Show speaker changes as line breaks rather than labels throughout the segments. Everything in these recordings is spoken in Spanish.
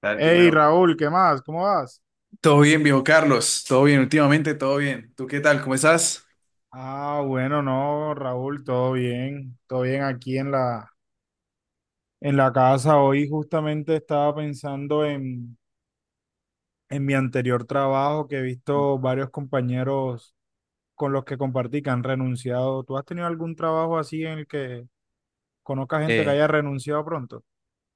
Dale,
Hey
dímelo.
Raúl, ¿qué más? ¿Cómo vas?
Todo bien, viejo Carlos. Todo bien, últimamente, todo bien. ¿Tú qué tal? ¿Cómo estás?
Ah, bueno, no, Raúl, todo bien aquí en la casa. Hoy justamente estaba en mi anterior trabajo que he visto varios compañeros con los que compartí que han renunciado. ¿Tú has tenido algún trabajo así en el que conozca gente que
Eh,
haya renunciado pronto?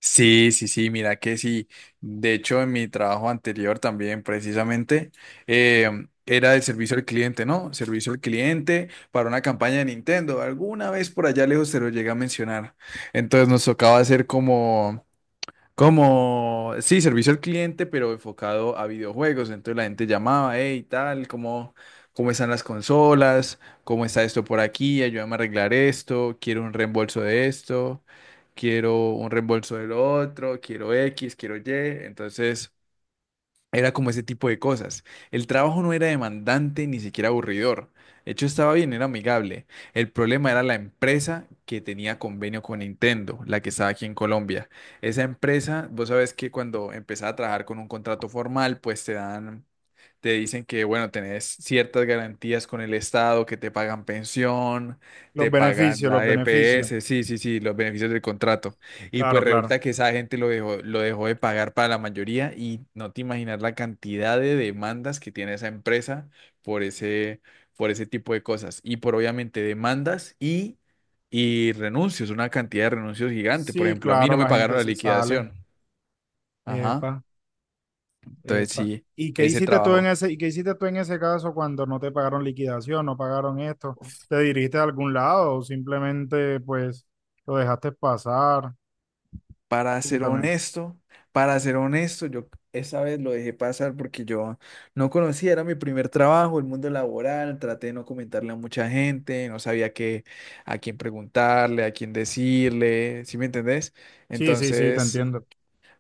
sí, sí, sí, mira que sí. De hecho, en mi trabajo anterior también, precisamente, era el servicio al cliente, ¿no? Servicio al cliente para una campaña de Nintendo. Alguna vez por allá lejos se lo llegué a mencionar. Entonces nos tocaba hacer como sí, servicio al cliente, pero enfocado a videojuegos. Entonces la gente llamaba, hey, tal, ¿cómo están las consolas? ¿Cómo está esto por aquí? Ayúdame a arreglar esto. Quiero un reembolso de esto. Quiero un reembolso del otro. Quiero X, quiero Y. Entonces, era como ese tipo de cosas. El trabajo no era demandante ni siquiera aburridor. De hecho, estaba bien, era amigable. El problema era la empresa que tenía convenio con Nintendo, la que estaba aquí en Colombia. Esa empresa, vos sabés que cuando empezás a trabajar con un contrato formal, pues te dicen que, bueno, tenés ciertas garantías con el Estado, que te pagan pensión,
Los
te pagan
beneficios, los
la
beneficios.
EPS, sí, sí, sí, los beneficios del contrato. Y pues
Claro, claro.
resulta que esa gente lo dejó de pagar para la mayoría y no te imaginas la cantidad de demandas que tiene esa empresa por ese, por ese tipo de cosas. Y por obviamente demandas y renuncios, una cantidad de renuncios gigante. Por
Sí,
ejemplo, a mí
claro,
no me
la
pagaron
gente
la
se sale.
liquidación. Ajá.
Epa.
Entonces
Epa.
sí,
¿Y qué
ese
hiciste
trabajo.
y qué hiciste tú en ese caso cuando no te pagaron liquidación, no pagaron esto? ¿Te dirigiste a algún lado o simplemente pues lo dejaste pasar?
Para ser
Cuéntame.
honesto, para ser honesto, yo esa vez lo dejé pasar porque yo no conocía, era mi primer trabajo, el mundo laboral, traté de no comentarle a mucha gente, no sabía qué, a quién preguntarle, a quién decirle, ¿sí me entendés?
Sí, sí, sí, te
Entonces,
entiendo.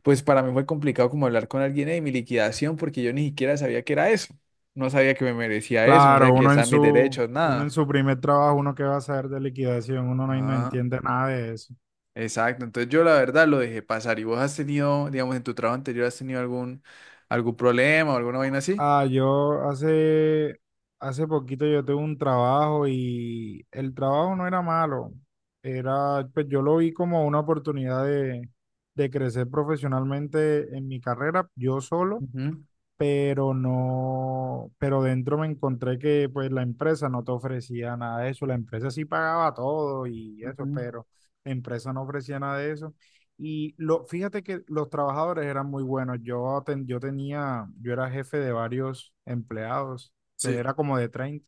pues para mí fue complicado como hablar con alguien de mi liquidación porque yo ni siquiera sabía que era eso, no sabía que me merecía eso, no
Claro,
sabía que estaban mis derechos,
uno en
nada.
su primer trabajo, uno que va a saber de liquidación, uno no, no
Ah.
entiende nada de eso.
Exacto, entonces yo la verdad lo dejé pasar. ¿Y vos has tenido, digamos, en tu trabajo anterior, has tenido algún, algún problema o alguna vaina así?
Ah, yo hace, hace poquito yo tuve un trabajo y el trabajo no era malo. Era, pues yo lo vi como una de crecer profesionalmente en mi carrera, yo solo,
Ujú,
pero no, pero dentro me encontré que pues la empresa no te ofrecía nada de eso, la empresa sí pagaba todo y eso,
ujú.
pero la empresa no ofrecía nada de eso. Fíjate que los trabajadores eran muy buenos. Yo tenía, yo era jefe de varios empleados,
Sí.
era como de 30,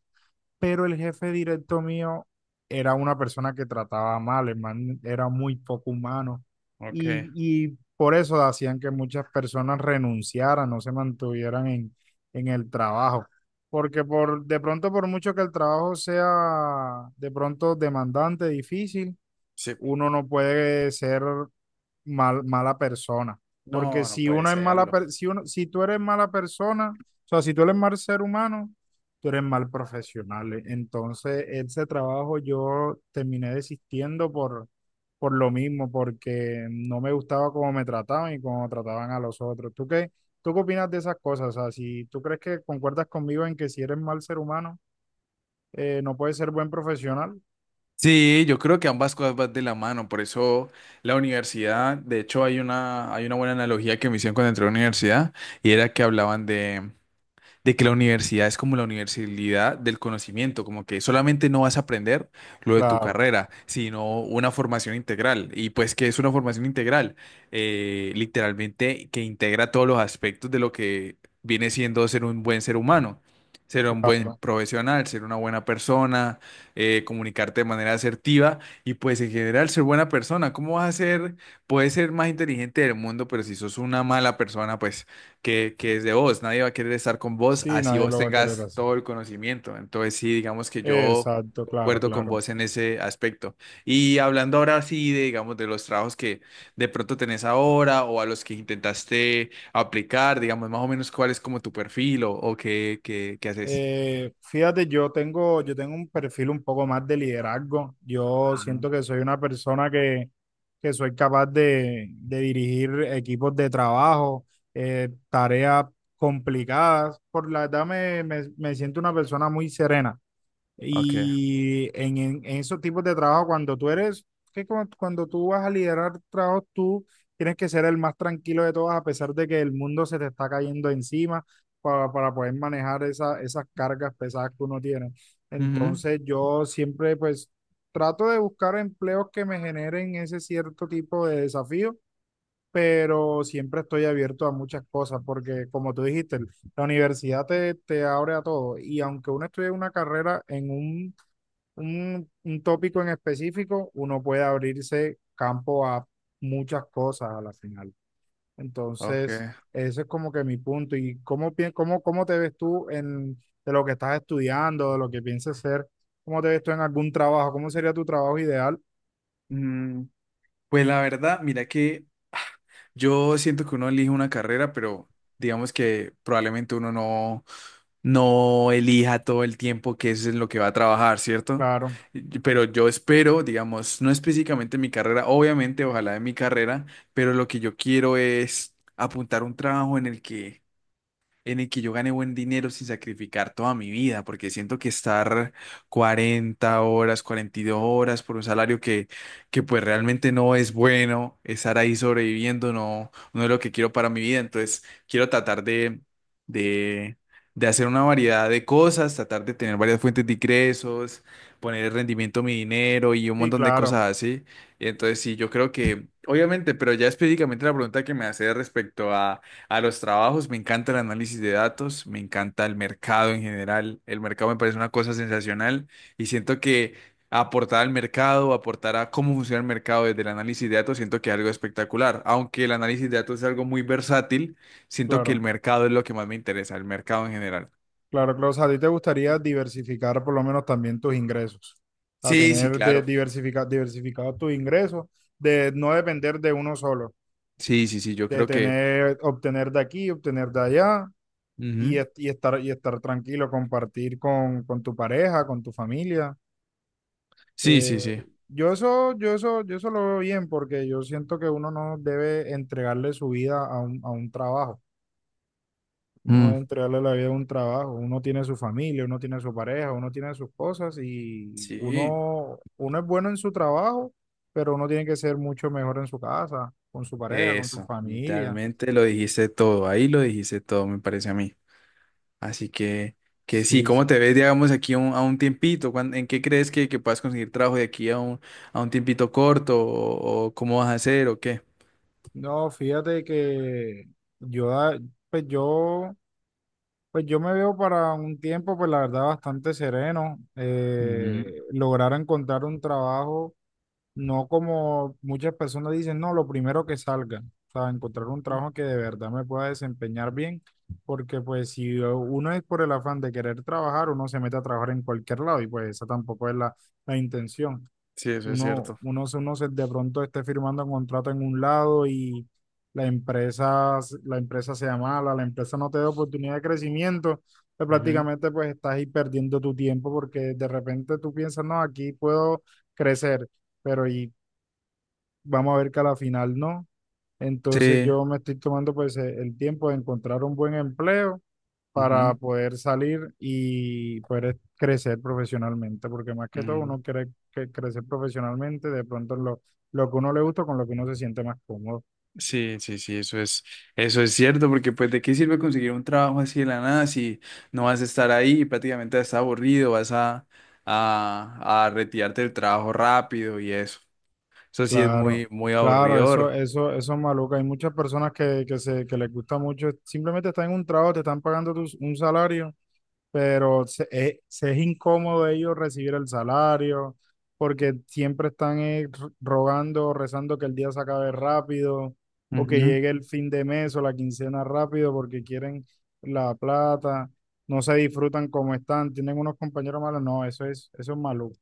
pero el jefe directo mío era una persona que trataba mal, el man era muy poco humano
Ok.
y, y por eso hacían que muchas personas renunciaran, no en el trabajo, porque por, de pronto por mucho que el trabajo sea de pronto demandante, difícil,
Sí.
uno no puede ser mala persona. Porque
No, no
si
puede
uno es
serlo.
si uno, si tú eres mala persona, o sea, si tú eres mal ser humano, tú eres mal profesional. Entonces, ese trabajo yo terminé por lo mismo, porque no me gustaba cómo me trataban y cómo trataban a los otros. Tú qué opinas de esas cosas? O sea, si tú crees que concuerdas conmigo en que si eres mal ser humano, no puedes ser buen profesional.
Sí, yo creo que ambas cosas van de la mano, por eso la universidad, de hecho hay hay una buena analogía que me hicieron cuando entré a la universidad y era que hablaban de que la universidad es como la universalidad del conocimiento, como que solamente no vas a aprender lo de tu
Claro,
carrera, sino una formación integral. Y pues, ¿que es una formación integral? Literalmente que integra todos los aspectos de lo que viene siendo ser un buen ser humano. Ser un buen
claro.
profesional, ser una buena persona, comunicarte de manera asertiva y pues en general ser buena persona. ¿Cómo vas a ser? Puedes ser más inteligente del mundo, pero si sos una mala persona, pues que es de vos. Nadie va a querer estar con vos
Sí,
así
nadie
vos
lo va a querer
tengas
así.
todo el conocimiento. Entonces, sí, digamos que yo
Exacto, claro,
concuerdo con
claro.
vos en ese aspecto. Y hablando ahora sí de, digamos, de los trabajos que de pronto tenés ahora o a los que intentaste aplicar, digamos, más o menos cuál es como tu perfil o qué, qué, qué haces.
Fíjate, yo tengo un perfil un poco más de liderazgo. Yo siento
Ujú.
que soy una que soy capaz de dirigir equipos de trabajo, tareas complicadas. Por la me siento una persona muy serena.
Ok.
Y en esos tipos de trabajo, cuando tú eres, que cu- cuando tú vas a liderar trabajos, tú tienes que ser el más tranquilo de todos, a pesar de que el mundo se te está cayendo encima para poder manejar esas cargas pesadas que uno tiene.
Ujú.
Entonces, yo siempre, pues, trato de buscar empleos que me generen ese cierto tipo de desafío, pero siempre estoy abierto a muchas cosas, porque como tú dijiste, la te abre a todo. Y aunque uno estudie una carrera en un tópico en específico, uno puede abrirse campo a muchas cosas a la final. Entonces,
Ok.
ese es como que mi punto. ¿Y cómo te ves de lo que estás estudiando, de lo que piensas ser? ¿Cómo te ves tú en algún trabajo? ¿Cómo sería tu trabajo ideal?
Mm, pues la verdad, mira que yo siento que uno elige una carrera, pero digamos que probablemente uno no, no elija todo el tiempo que es en lo que va a trabajar, ¿cierto?
Claro,
Y- pero yo espero, digamos, no específicamente mi carrera, obviamente, ojalá de mi carrera, pero lo que yo quiero es apuntar un trabajo en el que yo gane buen dinero sin sacrificar toda mi vida, porque siento que estar 40 horas, 42 horas por un salario que pues realmente no es bueno, estar ahí sobreviviendo no, no es lo que quiero para mi vida, entonces quiero tratar de, de hacer una variedad de cosas, tratar de tener varias fuentes de ingresos, poner el rendimiento a mi dinero y un
sí,
montón de
claro,
cosas así. Entonces sí, yo creo que, obviamente, pero ya específicamente la pregunta que me hace respecto a los trabajos, me encanta el análisis de datos, me encanta el mercado en general. El mercado me parece una cosa sensacional y siento que aportar al mercado, aportar a cómo funciona el mercado desde el análisis de datos, siento que es algo espectacular. Aunque el análisis de datos es algo muy versátil, siento que el
claro,
mercado es lo que más me interesa, el mercado en general.
claro, claro. O sea, a ti te gustaría diversificar por lo menos también tus ingresos, a
Sí, sí,
tener de
claro.
diversificar, diversificado tus ingresos, de no depender de uno solo.
Sí, sí, sí, yo
De
creo que...
tener, obtener de aquí, obtener de allá y,
Ujú.
y estar tranquilo, compartir con tu pareja, con tu familia.
Sí,
Eh,
sí, sí.
yo eso lo veo bien porque yo siento que uno no debe entregarle su vida a a un trabajo. No
Mm.
debe entregarle la vida a un trabajo. Uno tiene su familia, uno tiene su pareja, uno tiene sus cosas y
Sí,
uno, uno es bueno en su trabajo, pero uno tiene que ser mucho mejor en su casa, con su pareja, con su
eso,
familia.
literalmente lo dijiste todo, ahí lo dijiste todo, me parece a mí. Así que sí,
Sí,
¿cómo
sí.
te ves, digamos, aquí a un tiempito? ¿Cuán- ¿En qué crees que puedas conseguir trabajo de aquí a un tiempito corto? O cómo vas a hacer o qué?
No, fíjate que yo, ah, pues yo, pues yo me veo para un tiempo, pues la verdad, bastante sereno.
Ujú.
Lograr encontrar un trabajo, no como muchas personas dicen, no, lo primero que salga. O sea, encontrar un trabajo que de verdad me pueda desempeñar bien, porque pues si uno es por el afán de querer trabajar, uno se mete a trabajar en cualquier lado y pues esa tampoco es la intención.
Sí, eso es cierto.
Uno se de pronto esté firmando un contrato en un lado y la empresa sea mala, la empresa no te da oportunidad de crecimiento, pues
Ujú.
prácticamente pues estás ahí perdiendo tu tiempo porque de repente tú piensas, no, aquí puedo crecer, pero vamos a ver que a la final no. Entonces
Sí.
yo me estoy tomando pues el tiempo de encontrar un buen empleo para
Ujú.
poder salir y poder crecer profesionalmente, porque más que todo
Mm.
uno quiere que crecer profesionalmente, de pronto lo que uno le gusta con lo que uno se siente más cómodo.
Sí, sí, sí, eso es cierto, porque pues de qué sirve conseguir un trabajo así de la nada si no vas a estar ahí, prácticamente vas a estar aburrido, vas a retirarte del trabajo rápido y eso. Eso sí es
Claro,
muy, muy
claro,
aburridor.
eso es maluco. Hay muchas personas que les gusta mucho, simplemente están en un trabajo, te están pagando un salario, pero se, se es incómodo ellos recibir el salario, porque siempre están rogando o rezando que el día se acabe rápido, o que llegue el fin de mes o la quincena rápido, porque quieren la plata, no se disfrutan como están, tienen unos compañeros malos, no, eso es maluco,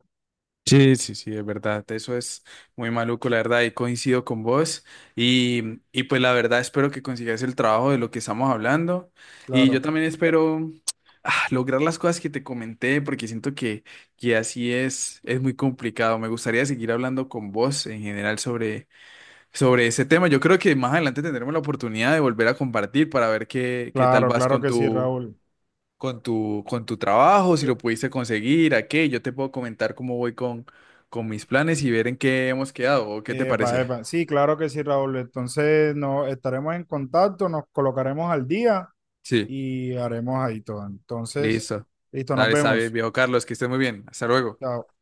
Sí, sí, sí, es verdad. Eso es muy maluco, la verdad, y coincido con vos. Y pues la verdad espero que consigas el trabajo de lo que estamos hablando. Y yo
claro,
también espero lograr las cosas que te comenté, porque siento que así es muy complicado. Me gustaría seguir hablando con vos en general sobre, sobre ese tema. Yo creo que más adelante tendremos la oportunidad de volver a compartir para ver qué, qué tal
claro,
vas
claro
con
que sí,
tu
Raúl.
con tu, con tu trabajo, si lo pudiste conseguir, a qué. Yo te puedo comentar cómo voy con mis planes y ver en qué hemos quedado. ¿O qué te
Epa,
parece?
epa, sí, claro que sí, Raúl. Entonces, no, estaremos en contacto, nos colocaremos al día
Sí,
y haremos ahí todo. Entonces,
listo.
listo, nos
Dale, sabe,
vemos.
viejo Carlos, que estés muy bien. Hasta luego.
Chao.